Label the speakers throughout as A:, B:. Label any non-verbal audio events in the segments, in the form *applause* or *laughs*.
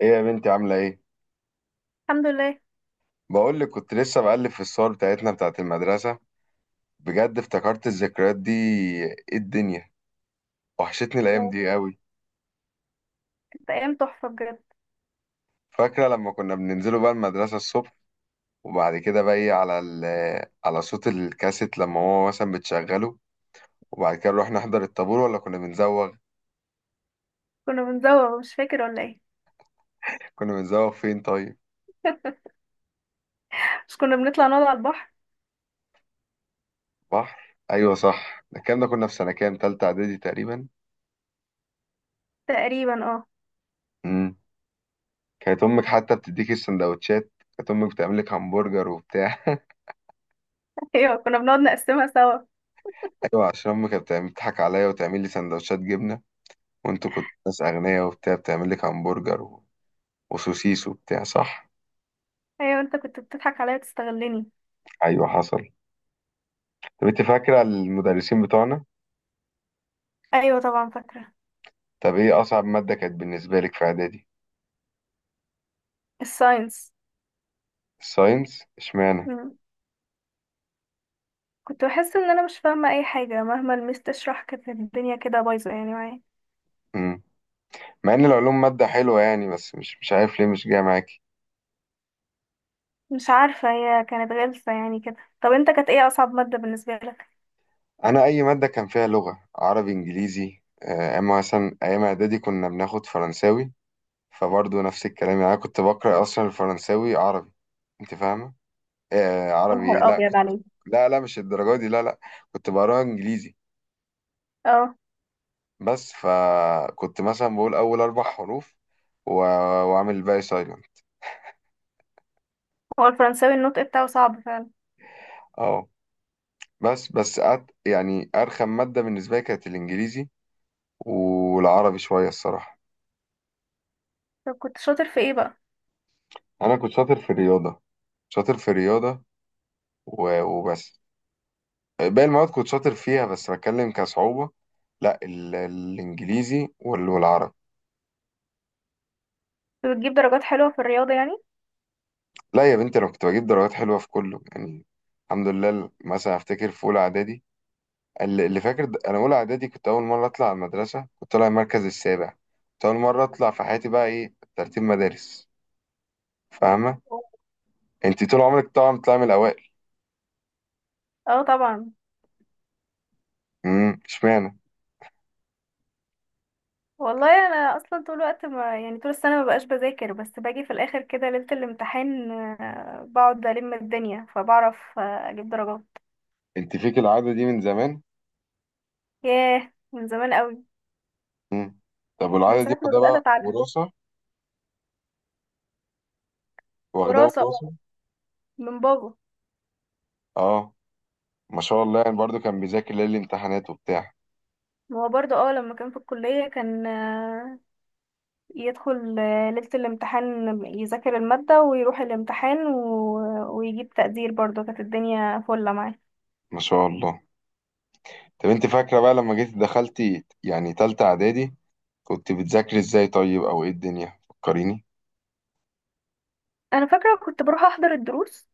A: ايه يا بنتي عاملة ايه؟
B: الحمد لله.
A: بقول لك كنت لسه بقلب في الصور بتاعتنا بتاعت المدرسة. بجد افتكرت الذكريات دي. ايه الدنيا، وحشتني الأيام دي قوي.
B: كانت ايام تحفه بجد.
A: فاكرة لما كنا بننزلوا بقى المدرسة الصبح، وبعد كده بقى ايه على صوت الكاسيت لما هو مثلا بتشغله، وبعد كده نروح نحضر الطابور ولا كنا بنزوغ؟
B: كنا بنزوغ، مش فاكر ولا ايه.
A: كنا بنزوغ فين طيب؟
B: مش كنا بنطلع نقعد على البحر؟
A: بحر؟ أيوة صح، ده الكلام ده كنا في سنة كام؟ تالتة إعدادي تقريبا؟
B: تقريبا اه.
A: امم كانت أمك حتى بتديكي السندوتشات، كانت أمك بتعملك همبرجر وبتاع *laughs*
B: *laughs* ايوه، كنا بنقعد نقسمها سوا.
A: ايوه، عشان امي كانت بتضحك عليا وتعمل لي سندوتشات جبنه، وانتوا كنتوا ناس اغنياء وبتاع، بتعمل لك همبرجر وسوسيس وبتاع صح.
B: ايوه، انت كنت بتضحك عليا تستغلني.
A: ايوه حصل. طب انت فاكره المدرسين بتوعنا؟
B: ايوه طبعا فاكره.
A: طب ايه اصعب ماده كانت بالنسبه لك في اعدادي؟
B: الساينس.
A: الساينس اشمعنى؟
B: مم. كنت بحس ان انا مش فاهمه اي حاجه، مهما الميس تشرح كانت الدنيا كده بايظه يعني معايا.
A: امم. مع ان العلوم ماده حلوه يعني، بس مش عارف ليه مش جايه معاكي.
B: مش عارفه، هي كانت غلسه يعني كده. طب انت، كانت ايه اصعب ماده بالنسبه لك؟
A: انا اي ماده كان فيها لغه، عربي، انجليزي، اما مثلا ايام اعدادي كنا بناخد فرنساوي، فبرضه نفس الكلام يعني. انا كنت بقرا اصلا الفرنساوي عربي، انت فاهمه. آه
B: يا
A: عربي إيه؟
B: نهار
A: لا
B: ابيض
A: كنت.
B: عليك!
A: لا لا مش الدرجة دي، لا لا. كنت بقراها انجليزي.
B: اه،
A: بس فكنت مثلا بقول اول اربع حروف و... واعمل الباقي سايلنت.
B: هو الفرنساوي النطق بتاعه صعب فعلا.
A: اه. يعني ارخم مادة بالنسبة لي كانت الانجليزي، والعربي شوية الصراحة.
B: طب كنت شاطر في ايه بقى؟
A: انا كنت شاطر في الرياضة، شاطر في الرياضة وبس. باقي المواد كنت شاطر فيها بس بتكلم كصعوبة. لا الانجليزي والعربي.
B: كنت بتجيب درجات حلوه في الرياضه يعني؟
A: لا يا بنتي انا كنت بجيب درجات حلوه في كله يعني، الحمد لله. مثلا افتكر في اولى اعدادي، اللي فاكر، انا اولى اعدادي كنت اول مره اطلع على المدرسه، كنت طالع المركز السابع. كنت اول مره اطلع في حياتي بقى ايه، ترتيب مدارس، فاهمه. انت طول عمرك طبعا بتطلعي من الاوائل.
B: اه طبعا.
A: اشمعنى.
B: والله انا اصلا طول الوقت، ما يعني طول السنه ما بقاش بذاكر، بس باجي في الاخر كده ليله الامتحان بقعد الم الدنيا فبعرف اجيب درجات.
A: انت فيك العاده دي من زمان.
B: ياه، من زمان قوي.
A: امم. طب
B: من
A: والعاده دي
B: ساعه ما
A: واخدها
B: بدات
A: بقى
B: اتعلم.
A: وراثه؟ واخدها
B: وراثه
A: وراثه؟
B: بقى، من بابا.
A: اه. ما شاء الله، يعني برضو كان بيذاكر ليالي الامتحانات وبتاع.
B: هو برضه اه لما كان في الكليه، كان يدخل ليله الامتحان، يذاكر الماده ويروح الامتحان ويجيب تقدير، برضه كانت الدنيا فله معاه.
A: ما شاء الله. طب انت فاكره بقى لما جيت دخلتي يعني تالتة اعدادي، كنت بتذاكري ازاي طيب، او ايه الدنيا، فكريني.
B: انا فاكره كنت بروح احضر الدروس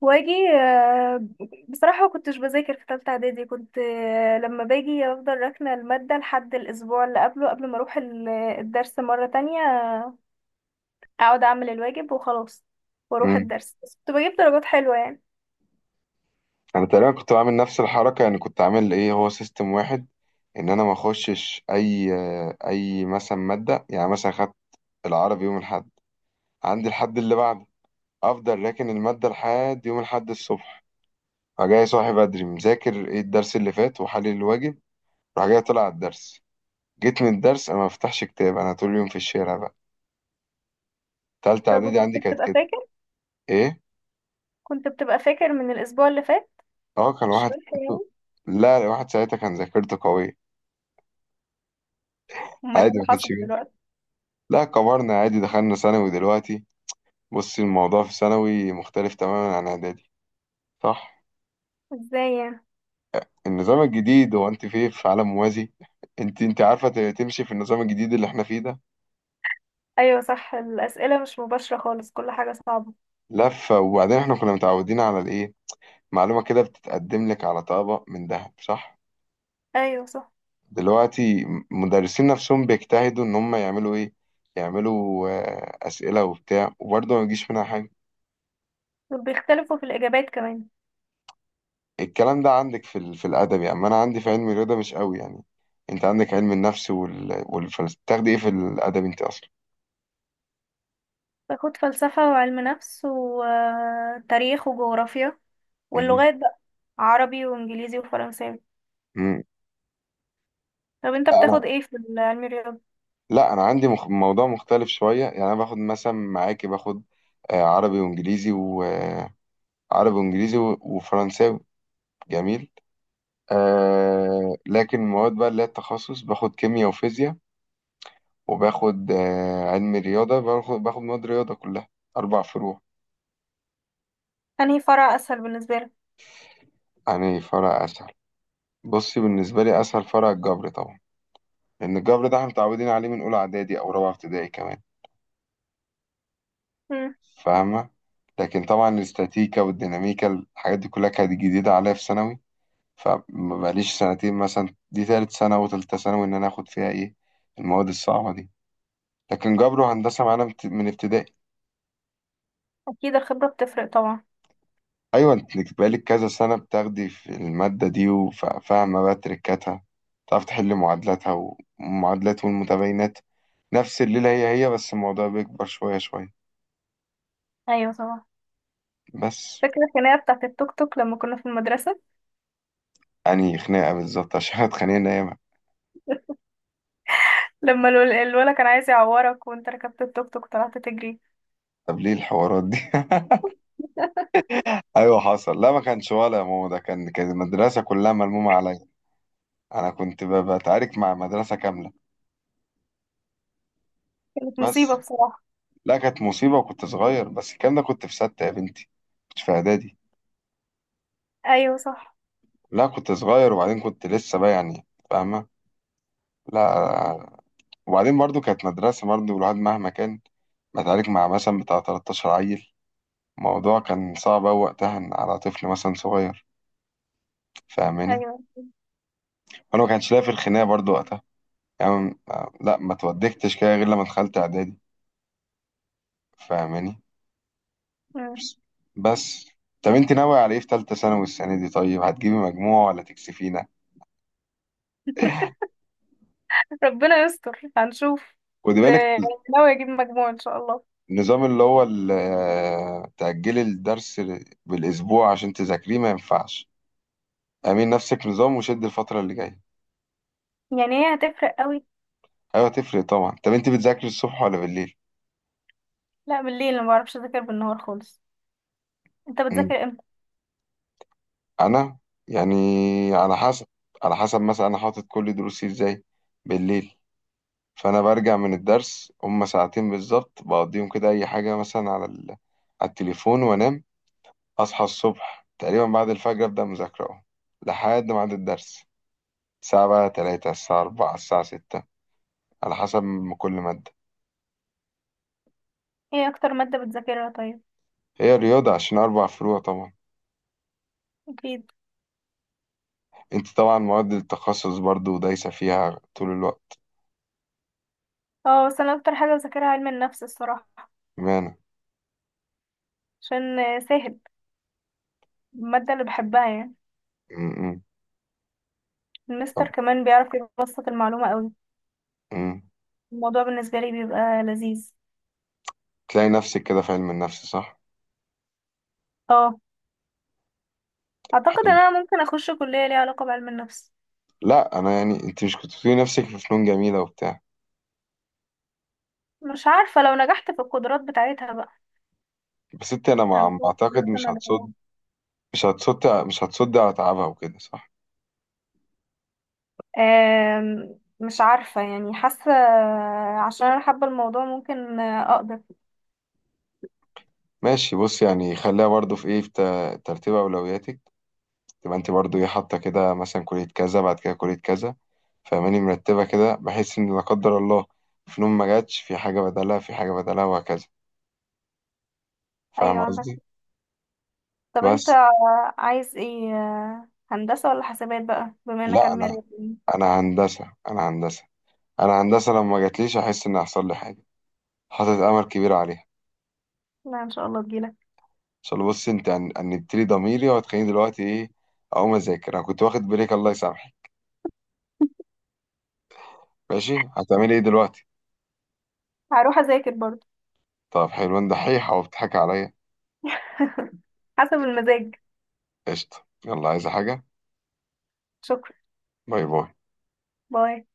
B: واجي بصراحة ما كنتش بذاكر في تالتة اعدادي، كنت لما باجي افضل راكنة المادة لحد الاسبوع اللي قبله، قبل ما اروح الدرس مرة تانية. اقعد اعمل الواجب وخلاص. واروح
A: امم.
B: الدرس، بس كنت بجيب درجات حلوة يعني.
A: انا تقريبا كنت بعمل نفس الحركه يعني، كنت عامل ايه، هو سيستم واحد. ان انا ما اخشش اي مثلا ماده. يعني مثلا خدت العربي يوم الاحد، عندي الحد اللي بعده، افضل راكن الماده لحد يوم الاحد الصبح، فجاي صاحي بدري مذاكر ايه، الدرس اللي فات وحلل الواجب، راح جاي طلع على الدرس. جيت من الدرس انا ما بفتحش كتاب، انا طول اليوم في الشارع بقى. تالتة
B: طب
A: اعدادي
B: وكنت
A: عندي كانت
B: بتبقى
A: كده.
B: فاكر؟
A: ايه؟
B: كنت بتبقى فاكر من الاسبوع اللي فات؟
A: اه كان واحد.
B: الشرح يعني.
A: لا واحد ساعتها كان ذاكرته قوية.
B: امال ايه
A: عادي
B: اللي
A: ما كانش
B: حصل
A: بيه.
B: دلوقتي؟
A: لا كبرنا، عادي دخلنا ثانوي دلوقتي. بصي الموضوع في ثانوي مختلف تماما عن اعدادي، صح.
B: ازاي يعني؟
A: النظام الجديد هو انت في عالم موازي. انت عارفه تمشي في النظام الجديد اللي احنا فيه ده.
B: ايوه صح، الاسئلة مش مباشرة خالص، كل حاجة صعبة.
A: لفه. وبعدين احنا كنا متعودين على الايه، معلومه كده بتتقدم لك على طبق من ذهب صح.
B: ايوه صح.
A: دلوقتي مدرسين نفسهم بيجتهدوا ان هم يعملوا ايه، يعملوا اسئله وبتاع، وبرضه ما يجيش منها حاجه.
B: وبيختلفوا في الاجابات كمان.
A: الكلام ده عندك في في الادب يعني، اما انا عندي في علم الرياضه مش قوي يعني. انت عندك علم النفس والفلسفه، بتاخدي ايه في الادب انت اصلا؟
B: باخد فلسفة وعلم نفس وتاريخ وجغرافيا.
A: مم.
B: واللغات بقى عربي وانجليزي وفرنساوي.
A: مم.
B: طب انت
A: لا انا،
B: بتاخد ايه في علم الرياضة؟
A: لا انا عندي موضوع مختلف شويه يعني. انا باخد مثلا معاكي، باخد عربي وانجليزي، وعربي وانجليزي وفرنساوي. جميل. آه، لكن المواد بقى اللي هي التخصص، باخد كيمياء وفيزياء، وباخد آه، علم رياضه، باخد مواد رياضه كلها، اربع فروع.
B: انهي فرع اسهل بالنسبة لك؟
A: يعني فرع اساسي، بصي بالنسبة لي أسهل فرع الجبر طبعا، لأن الجبر ده احنا متعودين عليه من أولى إعدادي أو رابعة ابتدائي كمان،
B: مم.
A: فاهمة. لكن طبعا الاستاتيكا والديناميكا، الحاجات دي كلها كانت جديدة عليا في ثانوي. فمبقاليش سنتين مثلا، دي تالت سنة وتالتة ثانوي إن أنا آخد فيها إيه، المواد الصعبة دي. لكن جبر وهندسة معانا من ابتدائي.
B: اكيد، الخبرة بتفرق طبعا.
A: أيوة أنت بقالك كذا سنة بتاخدي في المادة دي، وفاهمة بقى تركاتها، تعرف تحل معادلاتها ومعادلات والمتباينات. نفس الليلة هي هي، بس الموضوع بيكبر شوية شوية.
B: ايوه طبعا.
A: بس.
B: فاكر الخناقة بتاعت التوك توك لما كنا في المدرسة؟
A: يعني خناقة بالظبط عشان احنا اتخانقنا ياما.
B: لما الولد كان عايز يعورك، وانت ركبت التوك توك طلعت تجري.
A: طب ليه الحوارات دي. *laughs* ايوه حصل. لا ما كانش ولا يا ماما، ده كان كان المدرسة كلها ملمومة عليا. انا كنت بتعارك مع مدرسة كاملة.
B: كانت مصيبة
A: بس.
B: بصراحة.
A: لا كانت مصيبة، وكنت صغير. بس الكلام ده كنت في ستة يا بنتي، كنت في اعدادي.
B: ايوه صح.
A: لا كنت صغير، وبعدين كنت لسه بقى يعني، فاهمة. لا. وبعدين برضو كانت مدرسة، برضو الواحد مهما كان، بتعارك مع مثلا بتاع 13 عيل، الموضوع كان صعب أوي وقتها إن على طفل مثلا صغير، فاهماني.
B: ايوه.
A: وأنا ما كانش ليا في الخناقة برضو وقتها يعني. لا ما اتودكتش كده غير لما دخلت إعدادي، فاهماني.
B: مم.
A: بس. بس. طب أنت ناوي على إيه في تالتة ثانوي السنة دي، طيب هتجيبي مجموع ولا تكسفينا؟
B: ربنا يستر، هنشوف
A: خدي
B: بس.
A: بالك،
B: ناوي اجيب مجموع ان شاء الله.
A: النظام اللي هو تأجلي الدرس بالأسبوع عشان تذاكريه ما ينفعش. اعملي نفسك نظام وشد الفترة اللي جاية.
B: يعني هي هتفرق قوي.
A: أيوة تفرق طبعا. طب أنت بتذاكري الصبح ولا بالليل؟
B: لا بالليل، ما بعرفش اذاكر بالنهار خالص. انت بتذاكر امتى؟
A: انا، يعني، على حسب. على حسب مثلا انا حاطط كل دروسي ازاي، بالليل. فانا برجع من الدرس هما ساعتين بالظبط، بقضيهم كده اي حاجه مثلا على على التليفون، وانام. اصحى الصبح تقريبا بعد الفجر ابدا مذاكره اهو لحد ميعاد الدرس. الساعه بقى 3، الساعه 4، الساعه 6، على حسب ما كل ماده.
B: ايه اكتر ماده بتذاكرها طيب؟
A: هي رياضه، عشان اربع فروع طبعا.
B: اكيد.
A: انت طبعا مواد التخصص برضو دايسه فيها طول الوقت.
B: اه بس انا اكتر حاجه بذاكرها علم النفس الصراحه.
A: بمعنى.
B: عشان سهل. الماده اللي بحبها يعني.
A: م- م.
B: المستر
A: طب.
B: كمان بيعرف يبسط المعلومه قوي.
A: م.
B: الموضوع بالنسبه لي بيبقى لذيذ.
A: تلاقي نفسك كده في علم النفس صح؟
B: اه. اعتقد ان
A: حلو.
B: انا ممكن اخش كليه ليها علاقه بعلم النفس.
A: لا انا يعني، انت مش كنت بتقولي نفسك في فنون جميله وبتاع؟
B: مش عارفه، لو نجحت في القدرات بتاعتها بقى.
A: بس انت، انا ما
B: هنكون
A: اعتقد
B: لسه
A: مش
B: مدعوة.
A: هتصد، مش هتصد، مش هتصد على تعبها وكده صح؟
B: مش عارفه يعني، حاسه. عشان انا حابه الموضوع، ممكن اقدر.
A: ماشي، بص يعني خليها برضو في ايه، في ترتيب اولوياتك. تبقى انت برضو ايه حاطه كده مثلا كليه كذا، بعد كده كليه كذا، فاهماني، مرتبه كده بحيث ان لا قدر الله فنون ما جاتش، في حاجه بدلها، في حاجه بدلها، وهكذا. فاهم
B: ايوه عندك.
A: قصدي؟
B: طب انت
A: بس.
B: عايز ايه، هندسة ولا حسابات بقى، بما انك
A: لا
B: علمي
A: انا،
B: رياضي؟
A: انا هندسه، انا هندسه، انا هندسه. لما جاتليش احس ان حصل لي حاجه، حاطط امل كبير عليها.
B: لا ان شاء الله تجيلك.
A: عشان بص انت هنبتدي ضميري وهتخليني دلوقتي ايه، اقوم اذاكر. انا كنت واخد بريك، الله يسامحك. ماشي هتعملي ايه دلوقتي؟
B: هروح اذاكر برضه.
A: طب حلوان دحيح او بتضحك عليا؟
B: *laughs* حسب المزاج.
A: قشطه، يلا، عايزه حاجه؟
B: شكرا.
A: باي باي.
B: باي.